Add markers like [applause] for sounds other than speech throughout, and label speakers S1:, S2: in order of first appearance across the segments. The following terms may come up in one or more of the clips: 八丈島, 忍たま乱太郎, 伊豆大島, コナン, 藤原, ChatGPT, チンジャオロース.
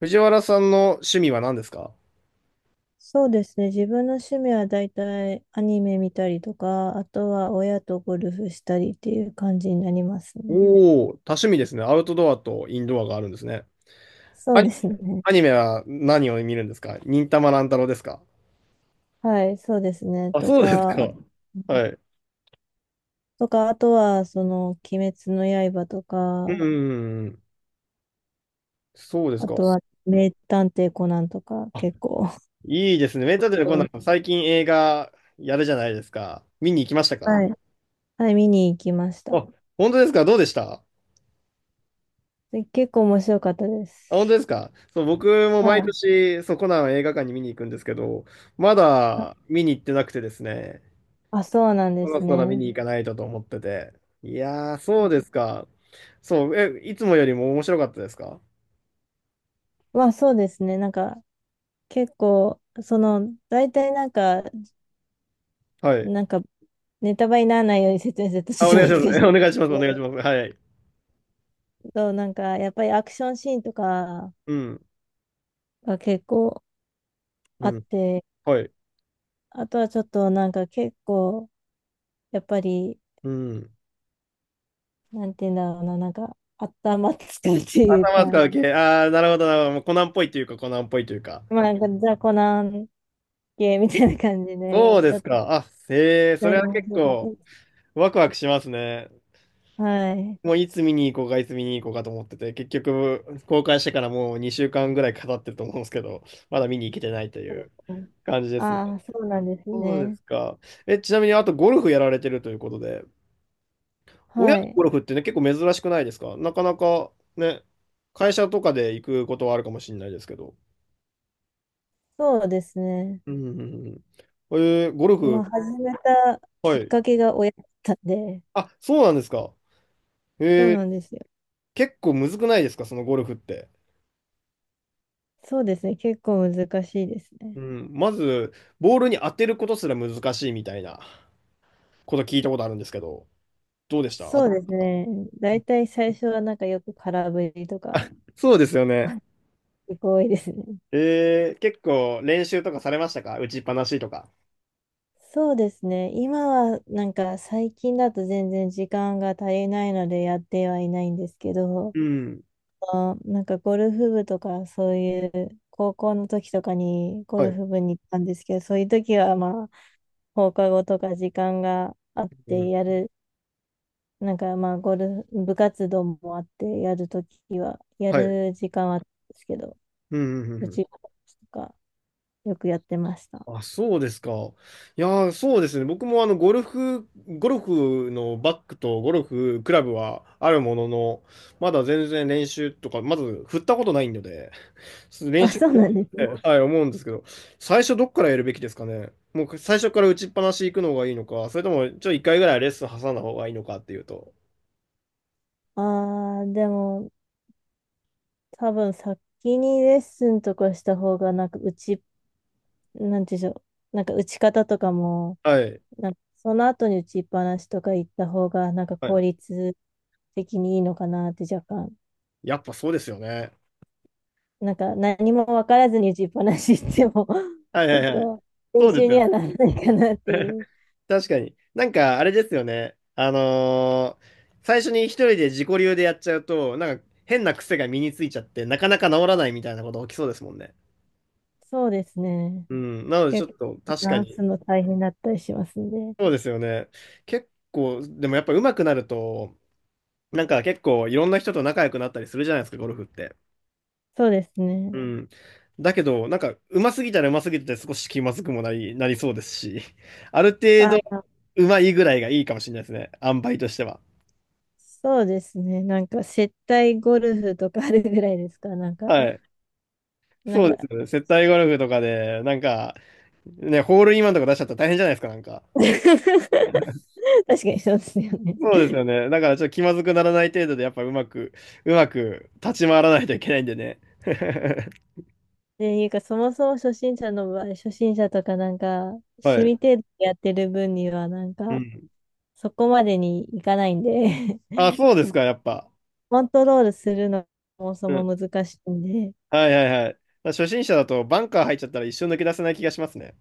S1: 藤原さんの趣味は何ですか？
S2: そうですね。自分の趣味はだいたいアニメ見たりとか、あとは親とゴルフしたりっていう感じになりますね。
S1: おおー、多趣味ですね。アウトドアとインドアがあるんですね。
S2: そ
S1: ア
S2: うで
S1: ニ、
S2: すね。
S1: アニメは何を見るんですか？忍たま乱太郎ですか？
S2: はい、そうですね。
S1: あ、
S2: と
S1: そうです
S2: か、
S1: か。はい。
S2: とか、あとは、その、鬼滅の刃と
S1: うん
S2: か、
S1: うんうん。そうです
S2: あ
S1: か。
S2: とは、名探偵コナンとか、
S1: あ、
S2: 結構
S1: いいですね。メンタルで
S2: う
S1: 今度、
S2: ん
S1: 最近映画やるじゃないですか。見に行きましたか？
S2: はい、はい、見に行きました。
S1: あ、本当ですか？どうでした？
S2: で、結構面白かったで
S1: あ、
S2: す。
S1: 本当ですか？そう、僕も
S2: は
S1: 毎
S2: い。
S1: 年、そう、コナンを映画館に見に行くんですけど、まだ見に行ってなくてですね。
S2: あ、そうなん
S1: そ
S2: で
S1: ろ
S2: す
S1: そろ見
S2: ね。
S1: に行かないとと思ってて。いやー、そうですか。そう、え、いつもよりも面白かったですか？
S2: まあ、そうですね。なんか、結構、その、大体なんか、
S1: はい。
S2: なんか、ネタバレにならないように説明すると
S1: あ、お
S2: ちょ
S1: 願い
S2: っと
S1: しま
S2: 難し
S1: す。[laughs]
S2: い。
S1: お願いします。お願いします。はい。
S2: そう、なんか、やっぱりアクションシーンとか
S1: うん。
S2: が結構
S1: う
S2: あっ
S1: ん。
S2: て、
S1: はい。
S2: あとはちょっとなんか結構、やっぱり、
S1: うん。
S2: なんて言うんだろうな、なんか、頭使うっていう
S1: 頭使
S2: か、
S1: う系。ああ、なるほど、なるほど。もうコナンっぽいというか、コナンっぽいというか。
S2: まあなんか雑魚な系みたいな感じで、
S1: そう
S2: ち
S1: で
S2: ょっ
S1: す
S2: と
S1: か。あ、へえ、そ
S2: だ
S1: れ
S2: い
S1: は
S2: ぶ面
S1: 結
S2: 白かったで
S1: 構、
S2: す。
S1: ワクワクしますね。
S2: はい。
S1: もういつ見に行こうか、いつ見に行こうかと思ってて、結局、公開してからもう2週間ぐらい語ってると思うんですけど、まだ見に行けてないとい
S2: そうで
S1: う
S2: すね。
S1: 感じですね。
S2: ああ、そうなんです
S1: そうで
S2: ね。
S1: すか。え、ちなみに、あとゴルフやられてるということで、親
S2: は
S1: と
S2: い。
S1: ゴルフってね、結構珍しくないですか？なかなかね、会社とかで行くことはあるかもしれないですけど。
S2: そうですね。
S1: うん、うんうんうん。えーゴル
S2: まあ、
S1: フ、
S2: 始めた
S1: は
S2: きっ
S1: い。
S2: かけが親だったんで、
S1: あ、そうなんですか。
S2: そう
S1: え
S2: な
S1: ー
S2: んですよ。
S1: 結構むずくないですか？そのゴルフって。
S2: そうですね。結構難しいです
S1: う
S2: ね。
S1: ん、まず、ボールに当てることすら難しいみたいなこと聞いたことあるんですけど、どうでした？当
S2: そ
S1: た
S2: う
S1: っ
S2: です
S1: た？
S2: ね。だいたい最初はなんかよく空振りとか
S1: そうですよね。
S2: 結構多いですね。
S1: 結構練習とかされましたか？打ちっぱなしとか。
S2: そうですね。今はなんか最近だと全然時間が足りないのでやってはいないんですけど、
S1: うん。
S2: あなんかゴルフ部とかそういう高校の時とかにゴ
S1: は
S2: ル
S1: い。
S2: フ部に行ったんですけど、そういう時はまあ放課後とか時間があっ
S1: う
S2: て
S1: ん。
S2: やるなんかまあ、ゴルフ、部活動もあって、やるときは、や
S1: はい。
S2: る時間はあったんですけど、
S1: うん、うん、うん
S2: う
S1: うん。
S2: ちとか、よくやってました。[laughs]
S1: あ、そうですか。いやー、そうですね。僕もあの、ゴルフのバッグとゴルフクラブはあるものの、まだ全然練習とか、まず振ったことないので、練
S2: あ、
S1: 習し
S2: そう
S1: なく
S2: なんですね。
S1: て、はい、思うんですけど、最初どっからやるべきですかね。もう最初から打ちっぱなし行くのがいいのか、それともちょっと一回ぐらいレッスン挟んだ方がいいのかっていうと。
S2: ああ、でも、多分先にレッスンとかした方が、なんか、打ち、なんていうんでしょう、なんか、打ち方とかも、
S1: はい。
S2: なんか、その後に打ちっぱなしとか行った方が、なんか、
S1: は
S2: 効
S1: い。
S2: 率的にいいのかなって、若干。
S1: やっぱそうですよね。
S2: なんか、何も分からずに打ちっぱなし行っても [laughs]
S1: はい
S2: ち
S1: は
S2: ょっ
S1: いはい。
S2: と、
S1: そ
S2: 練
S1: うです
S2: 習に
S1: よね。
S2: はならないかなっていう。
S1: 確かに。なんか、あれですよね。最初に一人で自己流でやっちゃうと、なんか変な癖が身についちゃって、なかなか治らないみたいなこと起きそうですもんね。
S2: そうですね。
S1: うん。なので、ちょっ
S2: 結
S1: と、確か
S2: 構、ンス
S1: に。
S2: の大変だったりしますんで。
S1: そうですよね。結構、でもやっぱ上手くなると、なんか結構いろんな人と仲良くなったりするじゃないですか、ゴルフって。
S2: そうです
S1: う
S2: ね。
S1: ん。だけど、なんか、上手すぎたら上手すぎて少し気まずくもなり、そうですし、ある程
S2: あ、
S1: 度、上手いぐらいがいいかもしれないですね。塩梅としては。
S2: そうですね。なんか、接待ゴルフとかあるぐらいですか。なんか、
S1: はい。
S2: なん
S1: そうです
S2: か
S1: よね。接待ゴルフとかで、なんか、ね、ホールインワンとか出しちゃったら大変じゃないですか、なんか。
S2: [laughs] 確かにそうですよね。
S1: そうですよね。だからちょっと気まずくならない程度で、やっぱうまく、うまく立ち回らないといけないんでね。[laughs]
S2: で、いうか、そもそも初心者の場合、初心者とかなんか、
S1: は
S2: 趣
S1: い。
S2: 味程度でやってる分には、なん
S1: う
S2: か、
S1: ん。
S2: そこまでにいかないんで
S1: あ、そうですか、やっぱ。
S2: [laughs] コントロールするのそもそ
S1: うん。
S2: も難しいんで、
S1: はいはいはい。初心者だとバンカー入っちゃったら一生抜け出せない気がしますね。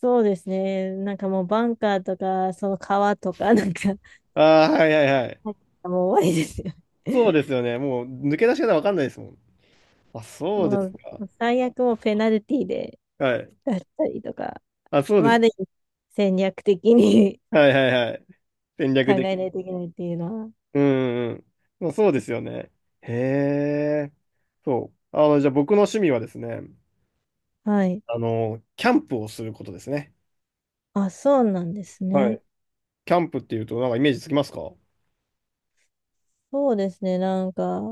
S2: そうですね。なんかもうバンカーとか、その川とか、なんか [laughs]
S1: ああ、はいはいはい。
S2: もう終わりですよ
S1: そう
S2: ね。
S1: で
S2: [laughs]
S1: すよね。もう抜け出し方わかんないですもん。あ、そうで
S2: も
S1: す
S2: う
S1: か。
S2: 最悪もうペナルティーで
S1: はい。
S2: だったりとか、
S1: あ、そうで
S2: まああ
S1: す。
S2: る意味戦略的に
S1: はいはいはい。戦
S2: [laughs] 考
S1: 略
S2: えな
S1: 的。
S2: いといけないっていうのは。
S1: うんうん。まあそうですよね。へえ。そう。じゃあ僕の趣味はですね、
S2: はい。
S1: キャンプをすることですね。
S2: あ、そうなんです
S1: は
S2: ね。
S1: い。キャンプっていうと、なんかイメージつきますか？
S2: そうですね。なんか、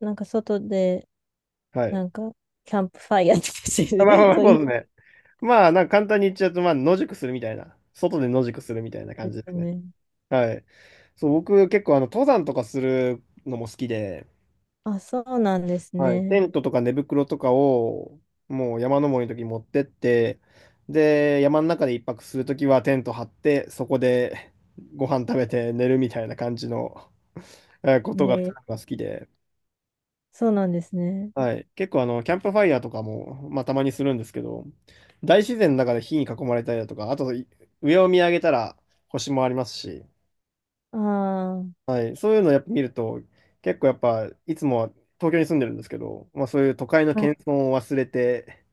S2: なんか外で、
S1: はい。
S2: なんか、キャンプファイヤーとかし
S1: あ
S2: て
S1: まあまあ
S2: る、[laughs]
S1: まあ、
S2: そう
S1: そう
S2: い
S1: ですね。まあ、なんか簡単に言っちゃうと、まあ、野宿するみたいな。外で野宿するみたいな
S2: うん
S1: 感
S2: です
S1: じで
S2: よ
S1: すね。
S2: ね。
S1: はい。そう、僕結構、登山とかするのも好きで、
S2: あ、そうなんです
S1: はい、テ
S2: ね。
S1: ントとか寝袋とかをもう山登りの時に持ってって、で、山の中で一泊する時はテント張って、そこで [laughs] ご飯食べて寝るみたいな感じのことが
S2: えー
S1: 好きで、
S2: そうなんですね。
S1: はい、結構キャンプファイヤーとかも、まあ、たまにするんですけど、大自然の中で火に囲まれたりだとか、あとい上を見上げたら星もありますし、
S2: あ
S1: はい、そういうのをやっぱ見ると、結構やっぱいつもは東京に住んでるんですけど、まあ、そういう都会の喧
S2: あ。
S1: 騒を忘れて、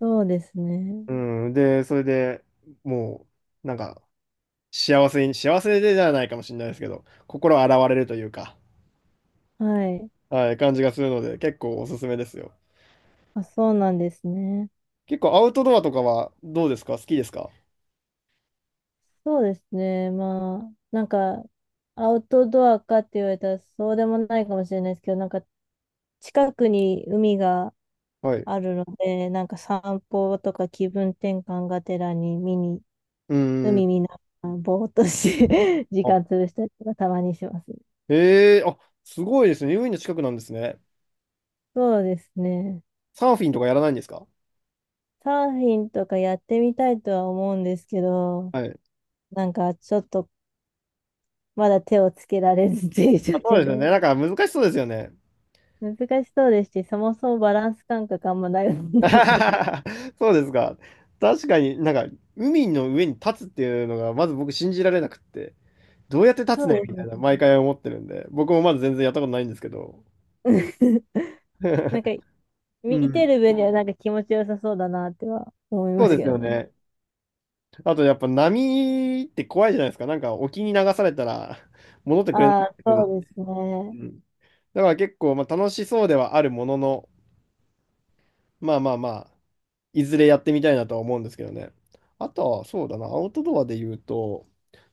S2: そうですね。
S1: うん、で、それでもう、なんか、幸せでじゃないかもしれないですけど、心洗われるというか、
S2: はい。
S1: はい、感じがするので、結構おすすめですよ。
S2: あ、そうなんですね。
S1: 結構アウトドアとかはどうですか？好きですか？
S2: そうですね。まあ、なんか、アウトドアかって言われたらそうでもないかもしれないですけど、なんか、近くに海が
S1: はい。
S2: あるので、なんか散歩とか気分転換がてらに見に、
S1: うん。
S2: 海見ながら、ぼーっとし [laughs] て時
S1: あ、
S2: 間潰したりとかたまにします。
S1: へえ、あ、すごいですね。海の近くなんですね。
S2: そうですね。
S1: サーフィンとかやらないんですか？
S2: サーフィンとかやってみたいとは思うんですけど、
S1: はい。
S2: なんかちょっとまだ手をつけられずっていう状
S1: あ、そう
S2: 況
S1: ですよ
S2: で。
S1: ね。なんか難しそうですよね。
S2: 難しそうですし、そもそもバランス感覚あんまないもんなんで。[laughs]
S1: [laughs] そうですか。確かになんか、海の上に立つっていうのが、まず僕信じられなくって。どうやって立
S2: そ
S1: つね
S2: う
S1: みた
S2: で
S1: いな、
S2: す
S1: 毎回思ってるんで、僕もまだ全然やったことないんですけど。
S2: ね。[laughs] なんか、
S1: [laughs] う
S2: 見て
S1: ん。
S2: る分にはなんか気持ちよさそうだなっては思い
S1: そ
S2: ま
S1: う
S2: す
S1: です
S2: けど
S1: よ
S2: ね。
S1: ね。あとやっぱ波って怖いじゃないですか。なんか沖に流されたら戻ってくれない
S2: ああ、
S1: ってことです。
S2: そうです
S1: う
S2: ね。
S1: ん。だから結構まあ楽しそうではあるものの、まあまあまあ、いずれやってみたいなとは思うんですけどね。あとはそうだな、アウトドアで言うと、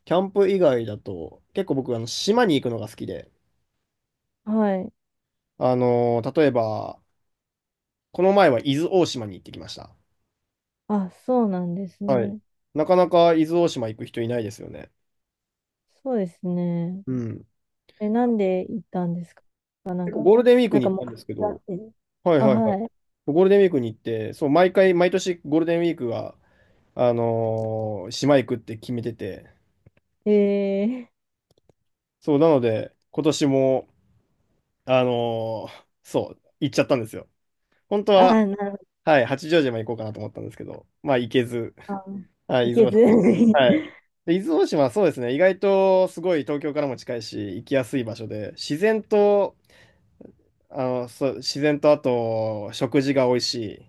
S1: キャンプ以外だと、結構僕あの島に行くのが好きで、
S2: はい。
S1: 例えば、この前は伊豆大島に行ってきました。
S2: あ、そうなんです
S1: はい。
S2: ね。
S1: なかなか伊豆大島行く人いないですよね。
S2: そうですね。
S1: うん。
S2: え、なんで行ったんですか？なん
S1: 結
S2: か、
S1: 構ゴールデンウィーク
S2: なん
S1: に
S2: か
S1: 行っ
S2: 目
S1: たん
S2: 標
S1: ですけ
S2: があ
S1: ど、
S2: って。
S1: はい
S2: あ、
S1: はいはい。
S2: は
S1: ゴールデンウィークに行って、そう、毎回、毎年ゴールデンウィークは、島行くって決めてて、
S2: い。
S1: そう、なので、今年も、そう、行っちゃったんですよ。本当
S2: あー、
S1: は、
S2: なるほど。
S1: はい、八丈島行こうかなと思ったんですけど、まあ行けず、
S2: あ、
S1: はい、
S2: い
S1: 伊
S2: け
S1: 豆大
S2: ず。
S1: 島。はい。
S2: [laughs]
S1: で、伊豆大島はそうですね、意外とすごい東京からも近いし、行きやすい場所で、自然と、そう、自然とあと、食事が美味しい。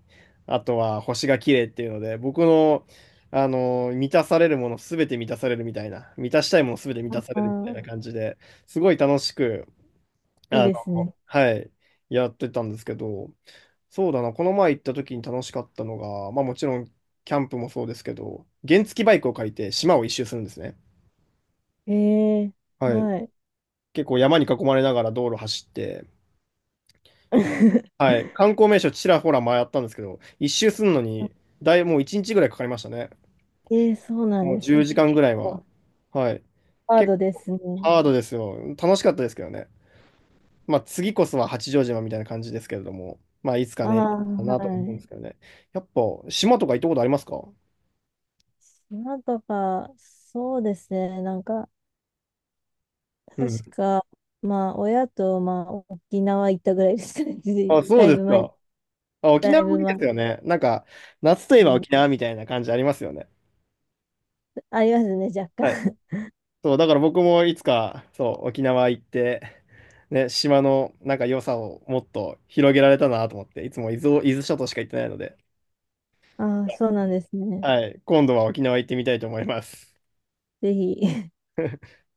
S1: あとは、星が綺麗っていうので、僕の、満たされるものすべて満たされるみたいな、満たしたいものすべて満
S2: あ
S1: たされるみたい
S2: ー、
S1: な感じで、すごい楽しく、
S2: いいですね。
S1: はい、やってたんですけど、そうだな、この前行った時に楽しかったのが、まあもちろん、キャンプもそうですけど、原付バイクを借りて島を一周するんですね。
S2: えー、
S1: はい。
S2: はい。
S1: 結構山に囲まれながら道路走って、
S2: [laughs]
S1: はい。観光名所ちらほら回ったんですけど、一周するのに、もう1日ぐらいかかりましたね。
S2: ええ、そうなん
S1: もう
S2: です
S1: 10
S2: ね。
S1: 時
S2: 結
S1: 間ぐらいは。
S2: 構
S1: はい。
S2: ハー
S1: 結
S2: ドで
S1: 構
S2: すね。
S1: ハードですよ。楽しかったですけどね。まあ次こそは八丈島みたいな感じですけれども、まあいつか
S2: あ
S1: ね、
S2: あ、
S1: かなと思う
S2: は
S1: んで
S2: い。
S1: すけどね。やっぱ島とか行ったことありますか？
S2: 島とか、そうですね。なんか、
S1: う
S2: 確
S1: ん。
S2: か、まあ、親と、まあ、沖縄行ったぐらいですかね。[laughs]
S1: あ、そう
S2: だい
S1: です
S2: ぶ前、
S1: か。あ、沖
S2: だ
S1: 縄
S2: い
S1: も
S2: ぶ
S1: いいで
S2: 前
S1: す
S2: で
S1: よね。なんか、夏とい
S2: す
S1: えば
S2: ね。
S1: 沖縄みたいな感じありますよね。
S2: ありますね、若
S1: はい。
S2: 干。
S1: そう、だから僕もいつか、そう、沖縄行って、ね、島のなんか良さをもっと広げられたなと思って、いつも伊豆を、伊豆諸島しか行ってないので、
S2: [laughs] ああ、そうなんですね。
S1: はい、今度は沖縄行ってみたいと思います。
S2: ぜひ。